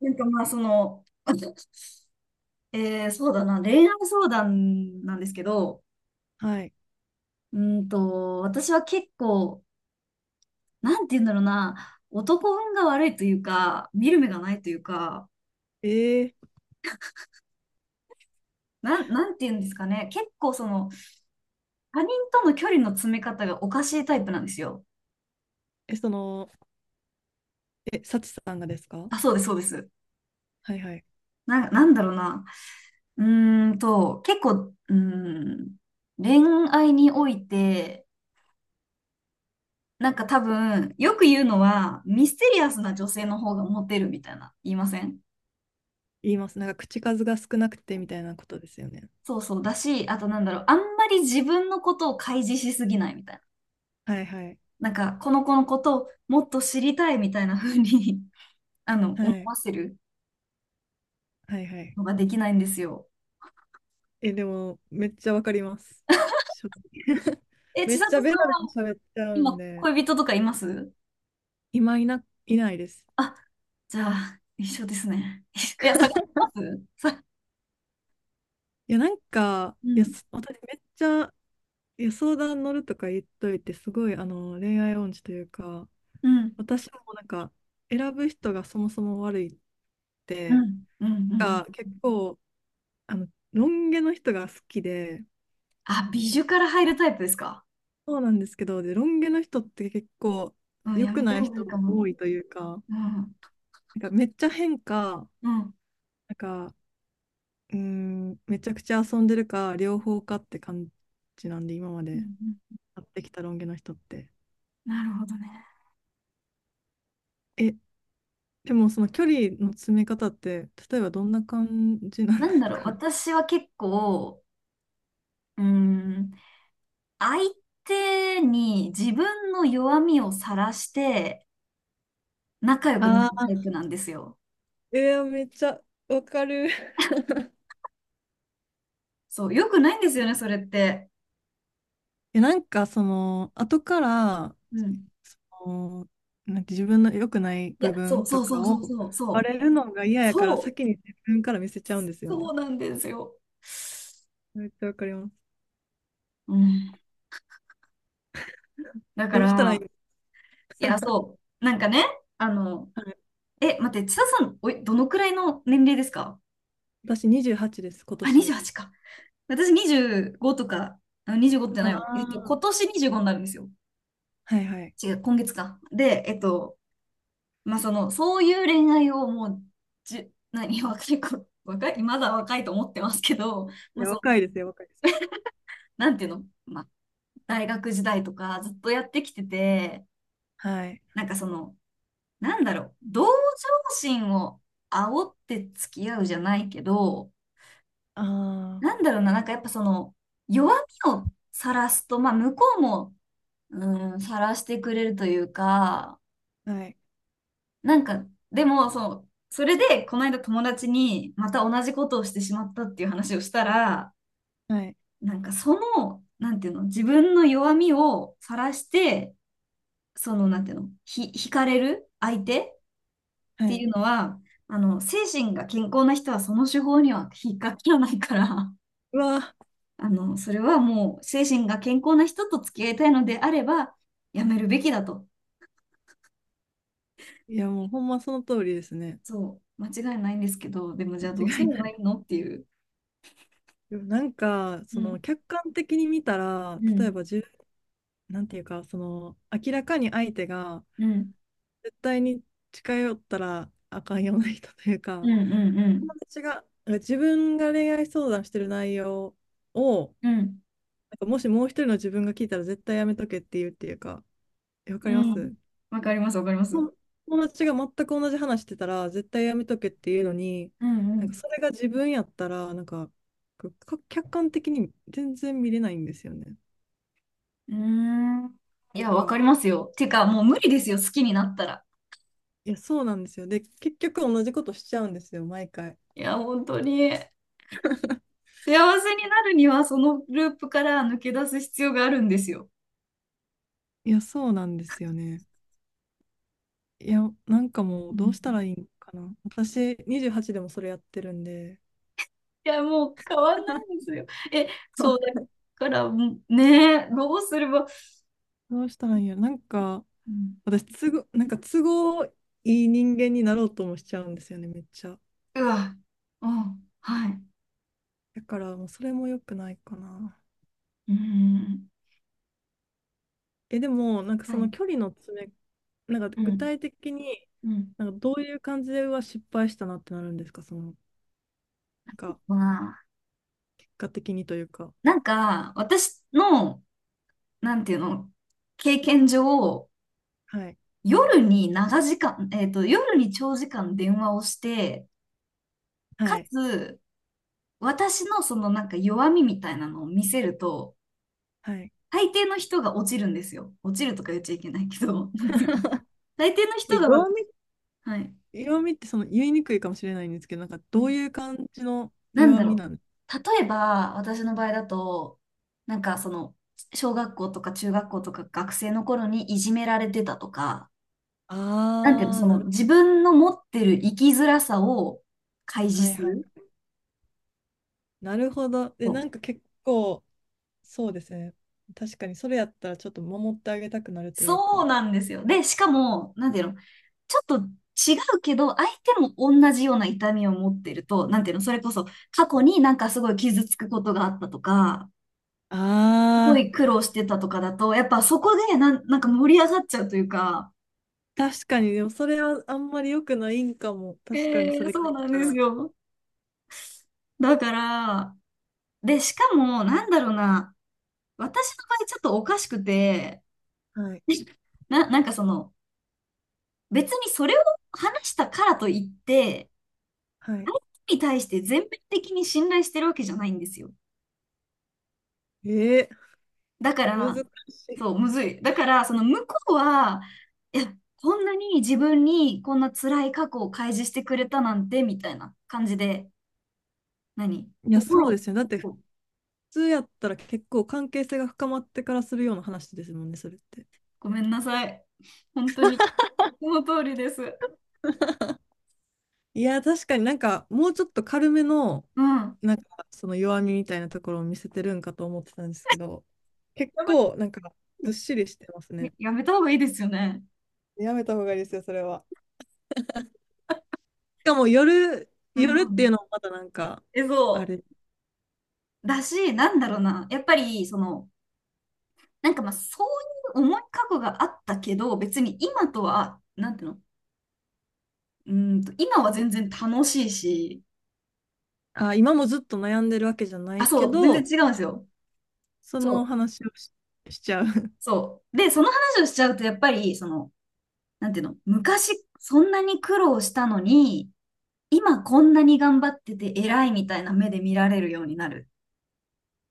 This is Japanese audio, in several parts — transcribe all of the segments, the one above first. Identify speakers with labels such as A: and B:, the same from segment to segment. A: なんかまあ、その、そうだな、恋愛相談なんですけど、
B: はい。
A: 私は結構、なんて言うんだろうな、男運が悪いというか、見る目がないというか、
B: えー、
A: なんて言うんですかね、結構その、他人との距離の詰め方がおかしいタイプなんですよ。
B: え、その、え、サチさんがですか？
A: あ、そうです、そうです。
B: はいはい。
A: なんだろうな、うーんと、結構、うーん、恋愛において、なんか多分、よく言うのは、ミステリアスな女性の方がモテるみたいな、言いません？
B: 言います。なんか口数が少なくてみたいなことですよね。
A: そうそう。だし、あとなんだろう、あんまり自分のことを開示しすぎないみたいな。
B: はいはい。
A: なんか、この子のことをもっと知りたいみたいな風に あの、
B: は
A: 思
B: い。
A: わせる
B: はいはい。
A: のができないんですよ。
B: でも、めっちゃわかります。正直
A: え、
B: め
A: 千
B: っ
A: 里
B: ちゃベ
A: さ
B: ラベ
A: ん
B: ラ
A: は、
B: 喋っちゃうん
A: 今、
B: で、
A: 恋人とかいます？
B: 今いないです。
A: あ、じゃあ、一緒ですね。いや、探しますさ、
B: いや、なんか、
A: う
B: いや、
A: ん、
B: 私めっちゃ、いや、相談乗るとか言っといて、すごい、恋愛音痴というか、
A: うん、
B: 私もなんか、選ぶ人がそもそも悪いっ
A: う
B: て、
A: ん、うん、う
B: が
A: ん。
B: 結構、あの、ロン毛の人が好きで、
A: あ、美女から入るタイプですか？
B: そうなんですけど、で、ロン毛の人って結構
A: うん、
B: 良
A: や
B: く
A: めた
B: ない
A: 方がい
B: 人
A: い
B: も
A: かも。
B: 多いというか、
A: うん、
B: なんかめっちゃ変か、
A: うん、うん、
B: なんか、めちゃくちゃ遊んでるか、両方かって感じなんで、今ま
A: う
B: で
A: ん。
B: 会ってきたロン毛の人って。
A: なるほどね。
B: え、でもその距離の詰め方って、例えばどんな感じなん
A: な
B: で
A: んだ
B: す
A: ろう、
B: か？
A: 私は結構、うーん、相手に自分の弱みをさらして仲良くなる
B: あ あ
A: タイプなんですよ。
B: ー、めっちゃわかる。
A: そう、良くないんですよね、それって。
B: なんか後から、
A: うん。
B: その、なんて自分の良くない
A: いや、
B: 部
A: そう
B: 分
A: そ
B: と
A: うそ
B: か
A: うそ
B: を
A: うそう、
B: バ
A: そう、
B: レるのが嫌やから、
A: そう、
B: 先に自分から見せちゃうんですよ
A: そ
B: ね。
A: うなんですよ。
B: めっちゃわかります。
A: うん。だか
B: どうしたらい
A: ら、
B: いの？
A: いや、そう、なんかね、あの、
B: はい、
A: え、待って、千田さん、おい、どのくらいの年齢ですか？
B: 私28です、今
A: あ、
B: 年。
A: 28か。私25とか、あ25って
B: あ
A: ないわ。えっと、今
B: あ、
A: 年25になるんですよ。
B: はいはい。
A: 違う、今月か。で、えっと、まあ、その、そういう恋愛をもう、何、若い子、若い、まだ若いと思ってますけど、
B: い
A: まあ、
B: や、
A: そう、
B: 若いですよ、若いです。
A: なんていうの、まあ、大学時代とかずっとやってきてて、
B: はい。
A: なんかその、なんだろう、同情心を煽って付き合うじゃないけど、
B: あ
A: なんだろうな、なんかやっぱその、弱みをさらすと、まあ、向こうも、うん、晒してくれるというか、
B: あ、はい、
A: なんか、でも、そう、それで、この間友達に、また同じことをしてしまったっていう話をしたら、
B: はい、
A: なんか、その、なんていうの、自分の弱みを晒して、その、なんていうの、惹かれる相手っ
B: は
A: てい
B: い。
A: うのは、あの、精神が健康な人はその手法には引っかからないから、
B: うわ、
A: あの、それはもう、精神が健康な人と付き合いたいのであれば、やめるべきだと。
B: いや、もうほんまその通りですね。
A: そう、間違いないんですけど、でもじゃあどうす
B: 間違
A: れ
B: いな
A: ば
B: い。
A: いいのっていう。
B: でもなんか、
A: うん、
B: 客観的に見たら、
A: う
B: 例え
A: ん、
B: ばなんていうか、明らかに相手が、
A: うん、
B: 絶対に近寄ったらあかんような人という
A: う
B: か、
A: ん、うん、うん、
B: 友達が、自分が恋愛相談してる内容を、
A: う
B: な
A: ん、
B: んかもしもう一人の自分が聞いたら絶対やめとけっていうっていうか、わか
A: う
B: りま
A: ん。
B: す。
A: わかります、わかります。うん、
B: 友友達が全く同じ話してたら、絶対やめとけっていうのに、
A: う
B: なんか
A: ん。
B: それが自分やったら、なんか、こうか客観的に全然見れないんですよね。っ
A: うーん。い
B: ていう
A: や、わか
B: か、
A: りますよ。てか、もう無理ですよ、好きになったら。
B: いや、そうなんですよ。で、結局同じことしちゃうんですよ、毎回。
A: いや、本当に。幸せになるには、そのループから抜け出す必要があるんですよ。
B: いや、そうなんですよね。いや、なんかも
A: う
B: うどう
A: ん。
B: したらいいんかな。私、28でもそれやってるんで、
A: いや、もう変わんないんで すよ。え、そうだから、もうねえ、どうすれば、
B: どうしたらいいんやろ。なんか、
A: うん、
B: 私、なんか都合いい人間になろうともしちゃうんですよね、めっちゃ。
A: うわ、うん、はい。
B: だから、もうそれも良くないかな。
A: うん。
B: でも、なんか
A: は
B: その
A: い。
B: 距離の詰め、なんか
A: う
B: 具
A: ん、
B: 体的に、
A: うん、
B: なんかどういう感じでは失敗したなってなるんですか、その、なんか、
A: まあ、
B: 結果的にというか？
A: なんか、私の、なんていうの、経験上、
B: はい、
A: 夜に長時間、えっと、夜に長時間電話をして、か
B: はい、
A: つ、私のそのなんか弱みみたいなのを見せると、
B: はい。
A: 大抵の人が落ちるんですよ。落ちるとか言っちゃいけないけど、なんていうの、大抵の
B: え、
A: 人が
B: 曜
A: 私、はい。
B: 弱みってその言いにくいかもしれないんですけど、なんかどういう感じの
A: なん
B: 弱
A: だ
B: み
A: ろ
B: なんです？
A: う。例えば、私の場合だと、なんかその、小学校とか中学校とか学生の頃にいじめられてたとか、なんていうの、
B: ああ、
A: その自分の持ってる生きづらさを開
B: は
A: 示
B: い
A: す
B: はい。
A: る。
B: なるほど。で、
A: そ
B: な
A: う。
B: んか結構、そうですね。確かに、それやったらちょっと守ってあげたくなるという
A: そう
B: か。
A: なんですよ。で、しかも、なんていうの、ちょっと違うけど、相手も同じような痛みを持ってると、なんていうの、それこそ過去になんかすごい傷つくことがあったとか、すご
B: ああ、
A: い苦労してたとかだと、やっぱそこでなんか盛り上がっちゃうというか、
B: 確かに、でもそれはあんまり良くないんかも。
A: え
B: 確かに、それ
A: そ
B: 聞
A: う
B: い
A: なん
B: た
A: です
B: ら。
A: よ。だから、で、しかも、なんだろうな、私の場合ちょっとおかしくて、
B: はい、
A: なんかその、別にそれを話したからといって、
B: はい。
A: に対して全面的に信頼してるわけじゃないんですよ。
B: え
A: だから、
B: 難しい。
A: そう、むずい。だから、その向こうは、いや、こんなに自分にこんな辛い過去を開示してくれたなんて、みたいな感じで、何心、
B: いや、
A: ご
B: そうですよ。だって、普通やったら結構関係性が深まってからするような話ですもんね、それって。
A: ごめんなさい。本当に、その通りです。
B: いや、確かになんか、もうちょっと軽めの、
A: うん。
B: なんか、その弱みみたいなところを見せてるんかと思ってたんですけど、結
A: やばい。
B: 構、なんか、ずっしりしてます
A: え
B: ね。
A: やめた方がいいですよね。
B: やめた方がいいですよ、それは。しかも、夜、
A: う
B: 夜っていう
A: ん。
B: のもまだなんか、
A: え、
B: あ
A: そ
B: れ、
A: う。だし、なんだろうな。やっぱり、その、なんかまあ、そういう重い過去があったけど、別に今とは、なんていうの、今は全然楽しいし、
B: あ、今もずっと悩んでるわけじゃな
A: あ、
B: いけ
A: そう、全然
B: ど、
A: 違うんですよ。
B: そ
A: そ
B: の
A: う、
B: 話をしちゃう。
A: そう。で、その話をしちゃうと、やっぱり、その、なんていうの、昔、そんなに苦労したのに、今こんなに頑張ってて偉いみたいな目で見られるようになる。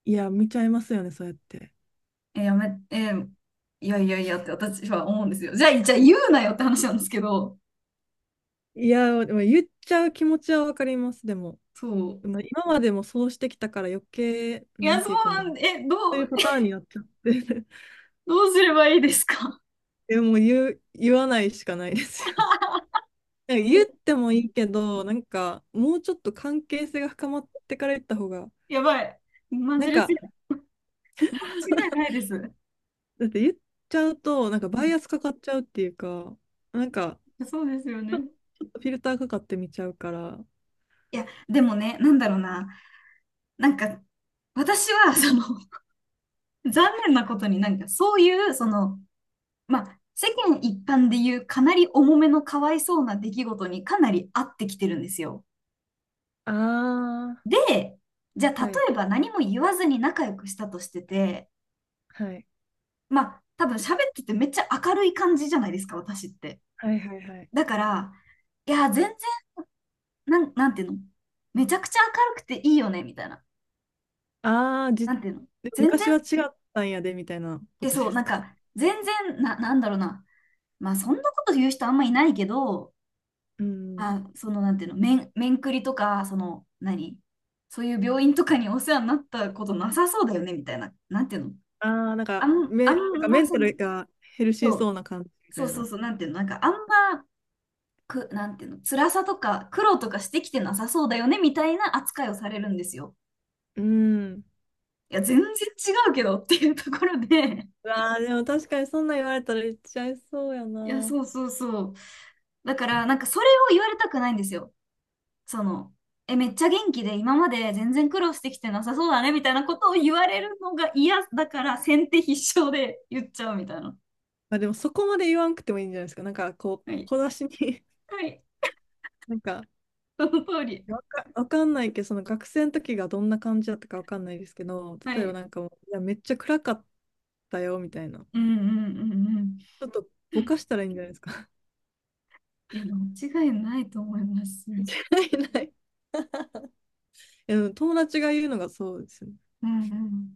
B: いや、見ちゃいますよね、そうやって。
A: え、やめ、え、いやいやいやって私は思うんですよ。じゃあ、じゃあ言うなよって話なんですけど、
B: いや、でも言っちゃう気持ちはわかります、でも。
A: そう。
B: まあ今までもそうしてきたから余計、
A: い
B: な
A: や、
B: ん
A: そ
B: て
A: う
B: いうか
A: な
B: も
A: ん
B: う
A: で、え、
B: そ
A: ど
B: ういう
A: う、
B: パターンになっちゃって
A: どうすればいいですか？
B: でもう言う、言わないしかないですよ。なんか言っ てもいいけど、なんかもうちょっと関係性が深まってから言った方が、
A: やばい。マ
B: な
A: ジ
B: ん
A: レス、
B: か、
A: 間違いないです。う
B: だって言っちゃうと、なんかバイアス
A: ん、
B: かかっちゃうっていうか、なんか
A: そうですよ
B: ちょ、ち
A: ね。
B: ょっとフィルターかかってみちゃうから、
A: いや、でもね、なんだろうな。なんか、私は、その、残念なことになんか、そういう、その、まあ、世間一般でいうかなり重めのかわいそうな出来事にかなり合ってきてるんですよ。
B: ああ
A: で、じゃあ
B: はい、
A: 例えば何も言わずに仲良くしたとしてて、
B: はい。
A: まあ多分喋っててめっちゃ明るい感じじゃないですか、私って。
B: はいはいはい。
A: だから、いや、全然、なんていうの、めちゃくちゃ明るくていいよね、みたいな。
B: ああ、
A: なんていうの、
B: で
A: 全然、
B: 昔は違ったんやで、みたいなこ
A: え、
B: と
A: そ
B: で
A: う、な
B: す
A: ん
B: か？
A: か、全然、なんだろうな。まあそんなこと言う人あんまいないけど、
B: うん。
A: あ、そのなんていうの、面、面くりとか、その、何、そういう病院とかにお世話になったことなさそうだよね、みたいな。なんていうの、
B: ああ、なんか、
A: あ
B: なんか
A: ん
B: メ
A: な、
B: ン
A: そ
B: タ
A: の、
B: ルがヘルシー
A: そ
B: そう
A: う、
B: な感じみた
A: そう
B: い
A: そう
B: な。
A: そう、なんていうの、なんかあんま、く、なんていうの、辛さとか苦労とかしてきてなさそうだよねみたいな扱いをされるんですよ。
B: うん。
A: いや、全然違うけどっていうところで
B: うわあでも確かにそんなん言われたら言っちゃいそうや
A: いや、
B: な。
A: そうそうそう。だから、なんかそれを言われたくないんですよ。その、え、めっちゃ元気で今まで全然苦労してきてなさそうだねみたいなことを言われるのが嫌だから先手必勝で言っちゃうみたいな。
B: まあでもそこまで言わんくてもいいんじゃないですか？なんかこ
A: は
B: う、
A: い。
B: 小出しに
A: はい。
B: なんか、
A: その通り。
B: わかんないけど、その学生の時がどんな感じだったかわかんないですけど、
A: は
B: 例えば
A: い。
B: なんかもう、いや、めっちゃ暗かったよ、みたいな。
A: うん、うん、うん、うん。
B: ちょっとぼかしたらいいんじゃないですか？
A: いや、間違いないと思います。
B: ないない。いやでも友達が言うのがそうですね。
A: うん、うん。